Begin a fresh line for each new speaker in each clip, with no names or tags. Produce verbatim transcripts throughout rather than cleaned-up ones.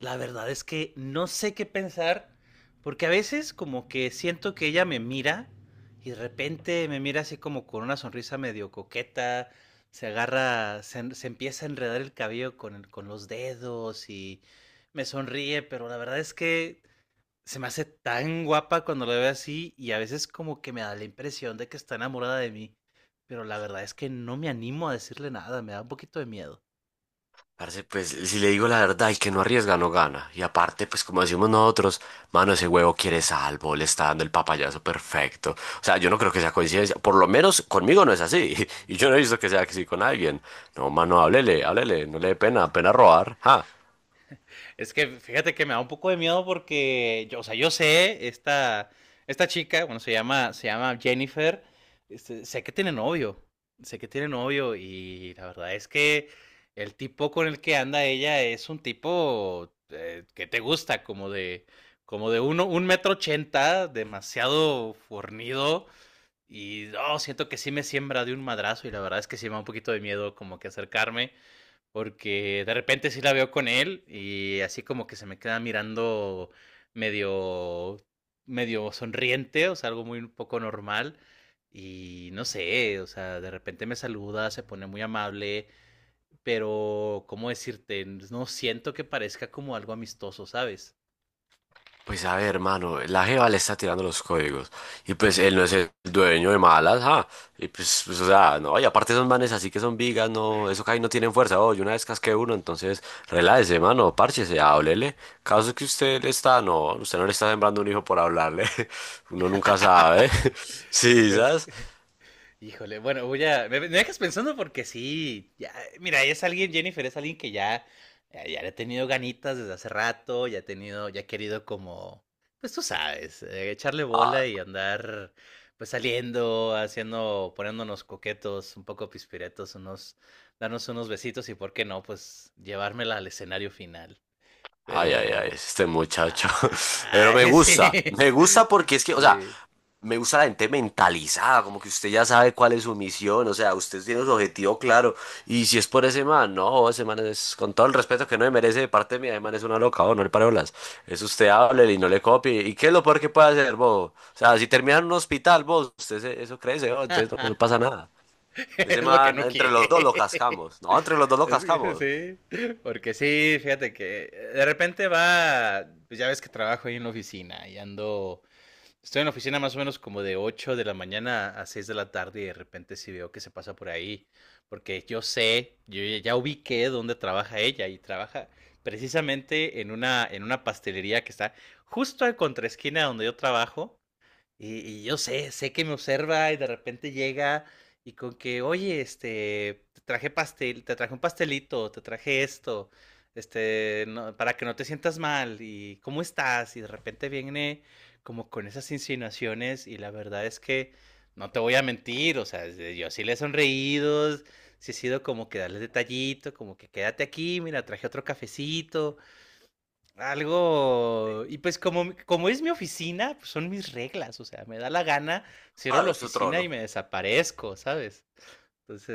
La verdad es que no sé qué pensar, porque a veces como que siento que ella me mira y de repente me mira así como con una sonrisa medio coqueta, se agarra, se, se empieza a enredar el cabello con, el- con los dedos y me sonríe, pero la verdad es que se me hace tan guapa cuando la veo así y a veces como que me da la impresión de que está enamorada de mí, pero la verdad es que no me animo a decirle nada, me da un poquito de miedo.
Parce, pues si le digo la verdad, el que no arriesga no gana. Y aparte, pues como decimos nosotros, mano, ese huevo quiere salvo, le está dando el papayazo perfecto. O sea, yo no creo que sea coincidencia. Por lo menos conmigo no es así. Y yo no he visto que sea así con alguien. No, mano, háblele, háblele, no le dé pena, pena robar. Ja.
Es que fíjate que me da un poco de miedo porque, yo, o sea, yo sé, esta, esta chica, bueno, se llama, se llama Jennifer, este, sé que tiene novio, sé que tiene novio y la verdad es que el tipo con el que anda ella es un tipo eh, que te gusta, como de, como de uno, un metro ochenta, demasiado fornido y oh, siento que sí me siembra de un madrazo y la verdad es que sí me da un poquito de miedo como que acercarme porque de repente sí la veo con él y así como que se me queda mirando medio, medio sonriente, o sea, algo muy un poco normal. Y no sé, o sea, de repente me saluda, se pone muy amable, pero ¿cómo decirte? No siento que parezca como algo amistoso, ¿sabes?
Pues a ver, hermano, la jeva le está tirando los códigos. Y pues él no es el dueño de malas, ¿ah? Y pues, pues, o sea, no, y aparte esos manes así que son vigas, no, eso ahí no tienen fuerza. Oh, yo una vez casqué uno, entonces relájese, mano, párchese, háblele. Caso que usted le está, no, usted no le está sembrando un hijo por hablarle. Uno nunca sabe. Sí,
Pues,
¿sabes?
híjole, bueno, voy a. Me, me dejas pensando porque sí. Ya, mira, es alguien, Jennifer, es alguien que ya, ya, ya le ha tenido ganitas desde hace rato, ya ha tenido, ya ha querido como, pues tú sabes, eh, echarle
Ah,
bola y andar pues saliendo, haciendo, poniéndonos coquetos, un poco pispiretos, unos, darnos unos besitos y por qué no, pues llevármela al escenario final.
Ay, ay, ay,
Pero.
este muchacho. Pero me
Ay,
gusta,
sí.
me gusta porque es que, o sea,
Sí.
me gusta la gente mentalizada, como que usted ya sabe cuál es su misión, o sea, usted tiene su objetivo claro. Y si es por ese man, no, ese man es, con todo el respeto que no me merece de parte mía, ese man es una loca, oh, no le pare bolas. Es usted hable y no le copie. ¿Y qué es lo peor que puede hacer, vos? O sea, si termina en un hospital, vos, usted se- eso crece, oh, entonces no, le pasa nada. Ese
Es lo que
man,
no
entre los dos lo
quiere.
cascamos. No, entre los dos lo
Es que
cascamos.
sí, porque sí, fíjate que eh, de repente va, pues ya ves que trabajo ahí en la oficina y ando, estoy en la oficina más o menos como de ocho de la mañana a seis de la tarde y de repente sí veo que se pasa por ahí, porque yo sé, yo ya ya ubiqué dónde trabaja ella y trabaja precisamente en una, en una pastelería que está justo al contraesquina donde yo trabajo y y yo sé, sé que me observa y de repente llega y con que: "Oye, este, te traje pastel te traje un pastelito, te traje esto, este, no para que no te sientas mal, y ¿cómo estás?". Y de repente viene como con esas insinuaciones, y la verdad es que no te voy a mentir, o sea, de yo sí le he sonreído, sí he sido como que darle detallito, como que: "Quédate aquí, mira, traje otro cafecito", algo. Y pues, como, como es mi oficina, pues son mis reglas. O sea, me da la gana, cierro la
Claro, es su
oficina y
trono.
me desaparezco, ¿sabes?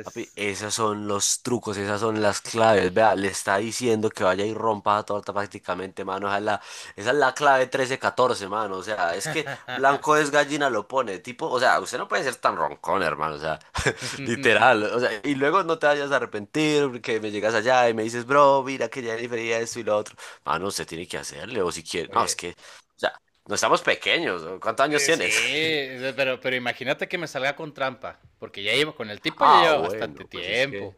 Papi, esos son los trucos, esas son las claves. Vea, le está diciendo que vaya y rompa la torta prácticamente, mano. Esa es la, esa es la clave trece catorce, mano. O sea, es que blanco es gallina, lo pone. Tipo, o sea, usted no puede ser tan roncón, hermano. O sea, literal. O sea, y luego no te vayas a arrepentir porque me llegas allá y me dices, bro, mira que ya difería esto y lo otro. Mano, usted tiene que hacerle, o si quiere. No, es
Oye.
que, o sea, no estamos pequeños. ¿No? ¿Cuántos años
eh, Sí,
tienes?
pero, pero imagínate que me salga con trampa. Porque ya llevo, con el tipo ya
Ah,
lleva bastante
bueno, pues es
tiempo.
que.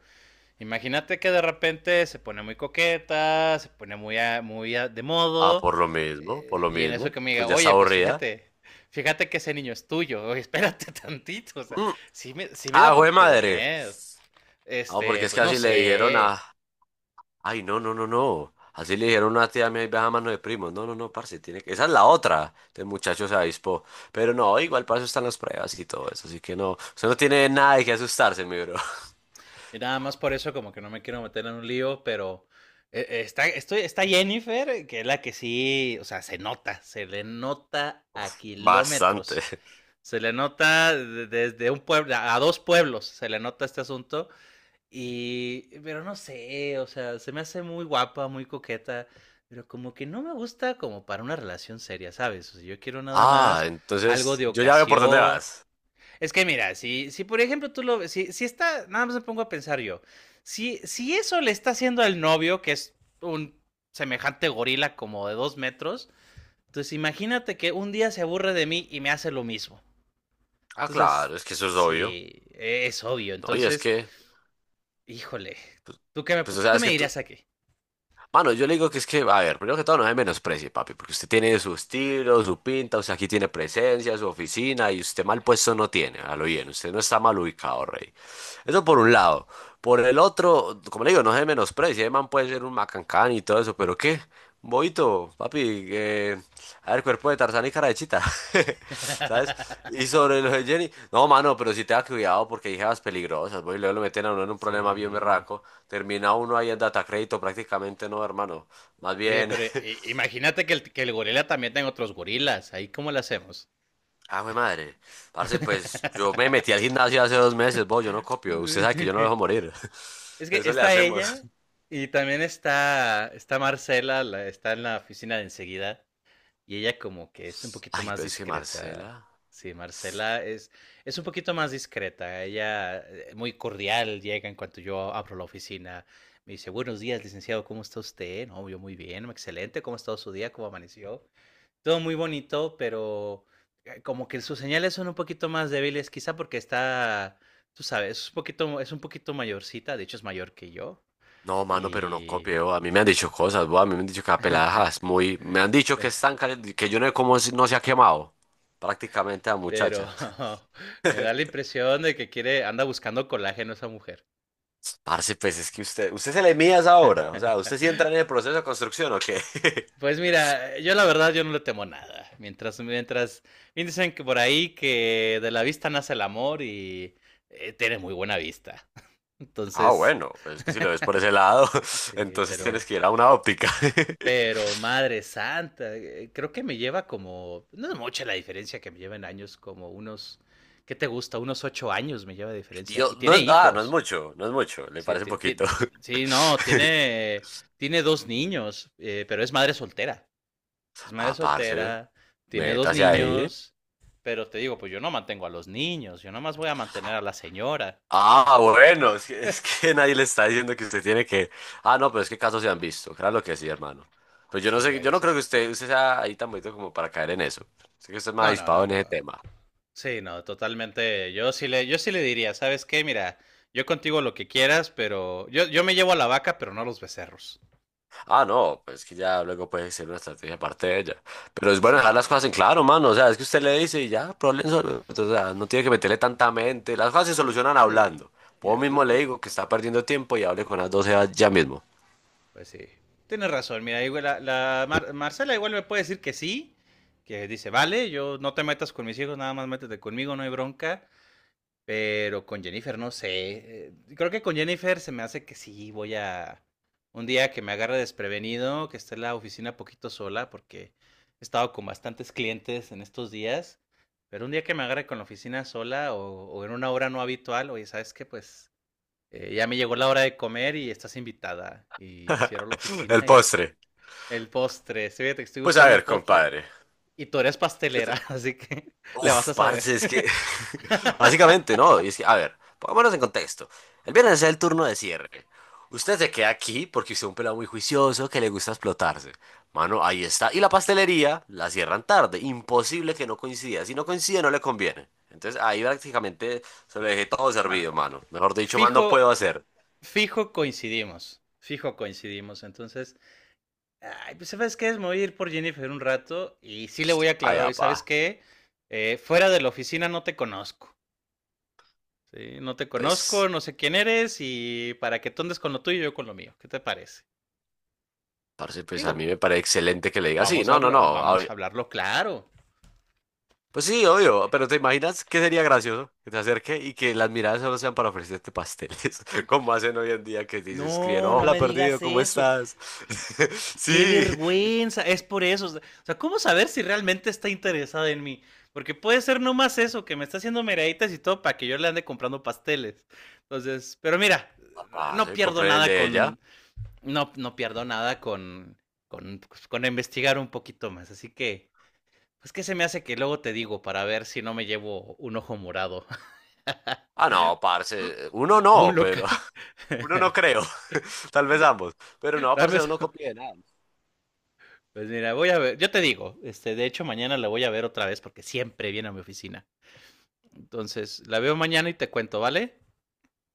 Imagínate que de repente se pone muy coqueta, se pone muy, a- muy a- de
Ah,
modo,
por lo mismo, por
eh,
lo
y en eso
mismo.
que me diga,
Pues ya está
oye, pues
aburrida.
fíjate, fíjate que ese niño es tuyo, oye, espérate tantito, o sea,
Mm.
sí me, sí me da
Ah, jue
poquito de
madre.
miedo.
Ah, porque
Este,
es que
pues no
así le dijeron a.
sé,
Ay, no, no, no, no. Así le dijeron a una tía mía y baja mano de primo. No, no, no, parce, tiene que. Esa es la otra. El muchacho se avispó. Pero no, igual para eso están las pruebas y todo eso. Así que no. Usted no
pues,
tiene
eh,
nada de qué asustarse, mi bro.
y nada más por eso como que no me quiero meter en un lío, pero eh, eh, está, estoy, está Jennifer, que es la que sí, o sea, se nota, se le nota a kilómetros.
Bastante.
Se le nota desde un pueblo, a dos pueblos se le nota este asunto. Y, pero no sé, o sea, se me hace muy guapa, muy coqueta, pero como que no me gusta como para una relación seria, ¿sabes? O sea, yo quiero nada
Ah,
más algo
entonces
de
yo ya veo por dónde
ocasión.
vas.
Es que mira, si, si por ejemplo tú lo, ves, si, si está, nada más me pongo a pensar yo, si, si eso le está haciendo al novio, que es un semejante gorila como de dos metros, entonces imagínate que un día se aburre de mí y me hace lo mismo.
Ah,
Entonces,
claro, es que eso es obvio.
sí, e-, es obvio.
No, y es
Entonces,
que,
híjole, ¿tú qué me,
pues, o
¿tú
sea,
qué
es
me
que tú,
dirías aquí?
mano, yo le digo que es que, a ver, primero que todo no me menosprecie, papi, porque usted tiene su estilo, su pinta, o sea, aquí tiene presencia, su oficina, y usted mal puesto no tiene, a lo bien, usted no está mal ubicado, rey. Eso por un lado. Por el otro, como le digo, no se menosprecie, el man puede ser un macancán y todo eso, pero ¿qué? Un Boito, papi, eh, a ver, cuerpo de Tarzán y cara de chita, ¿sabes? Y sobre lo de Jenny, no, mano, pero sí tenga cuidado porque hay jevas peligrosas, voy, luego lo meten a uno en un problema bien
Sí.
berraco, termina uno ahí en data crédito prácticamente, no, hermano, más
Oye,
bien,
pero i- imagínate que el, que el gorila también tenga otros gorilas. Ahí, ¿cómo lo hacemos?
ah, güey, madre, parce, pues yo me metí al gimnasio hace dos meses, vos, yo no copio, usted sabe que yo no lo dejo morir,
Es que
eso le
está
hacemos.
ella y también está, está Marcela, la- está en la oficina de enseguida. Y ella como que es un poquito
Ay,
más
pero es que
discreta.
Marcela,
Sí, Marcela es, es un poquito más discreta. Ella eh, muy cordial llega en cuanto yo abro la oficina. Me dice, buenos días, licenciado, ¿cómo está usted? No, yo muy bien, excelente, ¿cómo ha estado su día? ¿Cómo amaneció? Todo muy bonito, pero eh, como que sus señales son un poquito más débiles, quizá porque está, tú sabes, es un poquito, es un poquito mayorcita, de hecho es mayor que yo.
no, mano, pero no
Y
copio, a mí me han dicho cosas, vos, a mí me han dicho que la pelada es muy, me han dicho que es tan caliente, que yo no sé cómo no se ha quemado, prácticamente a
Pero
muchacha.
me da la impresión de que quiere, anda buscando colágeno esa mujer.
Parce, pues es que usted, usted se le mide a esa obra, o sea, ¿usted sí entra en el proceso de construcción o qué?
Pues mira, yo la verdad yo no le temo nada. Mientras, mientras, bien dicen que por ahí que de la vista nace el amor y eh, tiene muy buena vista.
Ah,
Entonces,
bueno, pues es que si lo ves por ese lado,
sí,
entonces tienes
pero,
que ir a una óptica.
pero madre santa, eh, creo que me lleva como, no es mucha la diferencia que me lleva en años, como unos, ¿qué te gusta? Unos ocho años me lleva de diferencia.
Tío,
Y
no,
tiene
es- ah, no es
hijos.
mucho, no es mucho, le
Sí,
parece
ti- ti-
poquito.
ti- sí, no, tiene, tiene dos niños, eh, pero es madre soltera. Es madre
Ah, parce,
soltera, tiene dos
métase ahí.
niños, pero te digo, pues yo no mantengo a los niños, yo nomás voy a mantener a la señora.
Ah, bueno, es que, es que nadie le está diciendo que usted tiene que... Ah, no, pero es que casos se han visto, claro lo que sí, hermano. Pues yo no
Sí,
sé,
hay
yo no creo
veces.
que usted, usted sea ahí tan bonito como para caer en eso. Sé que usted es más
No, no,
dispado
no,
en
no.
ese tema.
Sí, no, totalmente. Yo sí le, yo sí le diría, ¿sabes qué? Mira, yo contigo lo que quieras, pero yo, yo me llevo a la vaca, pero no a los becerros.
Ah, no, pues que ya luego puede ser una estrategia aparte de ella. Pero es bueno
Sí,
dejar las cosas en claro, mano. O sea, es que usted le dice y ya, problemas solo. O sea, no tiene que meterle tanta mente. Las cosas se solucionan
sí.
hablando. Vos
Mira,
mismo le digo que está perdiendo tiempo y hable con las doce ya mismo.
pues sí. Tienes razón, mira, igual la, la Mar- Marcela igual me puede decir que sí, que dice, vale, yo no te metas con mis hijos, nada más métete conmigo, no hay bronca, pero con Jennifer no sé. eh, Creo que con Jennifer se me hace que sí, voy a un día que me agarre desprevenido, que esté en la oficina poquito sola, porque he estado con bastantes clientes en estos días, pero un día que me agarre con la oficina sola o, o en una hora no habitual, oye, ¿sabes qué? Pues eh, ya me llegó la hora de comer y estás invitada. Y cierro la
El
oficina y
postre.
el postre. Sí, fíjate que estoy
Pues a
buscando un
ver,
postre
compadre.
y tú eres
Yo te-
pastelera, así que le vas
uf,
a
parce,
saber.
es que básicamente no, y es que, a ver, pongámonos en contexto. El viernes es el turno de cierre. Usted se queda aquí porque usted es un pelado muy juicioso que le gusta explotarse. Mano, ahí está. Y la pastelería la cierran tarde. Imposible que no coincida. Si no coincide, no le conviene. Entonces ahí prácticamente se lo dejé todo
Nada,
servido, mano. Mejor dicho, más no puedo
fijo,
hacer.
fijo coincidimos. Fijo coincidimos. Entonces, ay, pues sabes qué, me voy a ir por Jennifer un rato y sí le voy a
Ay,
aclarar hoy, ¿sabes
apa,
qué? Eh, fuera de la oficina no te conozco. ¿Sí? No te conozco,
pues,
no sé quién eres y para que tú andes con lo tuyo y yo con lo mío. ¿Qué te parece?
parce, pues a mí
Digo,
me parece excelente que le diga, sí,
vamos a,
no, no,
habla-
no. A-
vamos a hablarlo claro.
pues sí, obvio, pero ¿te imaginas qué sería gracioso que te acerque y que las miradas solo sean para ofrecerte pasteles? Como hacen hoy en día que dices, escriben,
No, no
hola
me digas
perdido, ¿cómo
eso.
estás?
Qué
Sí,
vergüenza. Es por eso. O sea, ¿cómo saber si realmente está interesada en mí? Porque puede ser nomás eso, que me está haciendo meraditas y todo para que yo le ande comprando pasteles. Entonces, pero mira,
"Ah,
no
parce,
pierdo
compré el
nada
de ella.
con. No, no pierdo nada con, con, pues, con investigar un poquito más. Así que. Pues que se me hace que luego te digo para ver si no me llevo un ojo morado
Ah, no, parce, uno
o un
no,
local.
pero uno no creo, tal vez ambos, pero no,
Dame
parce, uno
esa.
copia de nada.
Pues mira, voy a ver, yo te digo, este, de hecho mañana la voy a ver otra vez porque siempre viene a mi oficina. Entonces, la veo mañana y te cuento, ¿vale?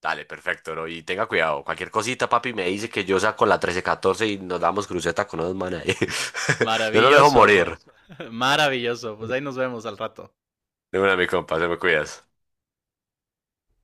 Dale, perfecto, ¿no? Y tenga cuidado, cualquier cosita, papi, me dice que yo saco la trece, catorce y nos damos cruceta con unos manes ahí. Yo no lo dejo
Maravilloso,
morir.
maravilloso. Pues ahí nos vemos al rato.
De una, mi compa, se me cuidas.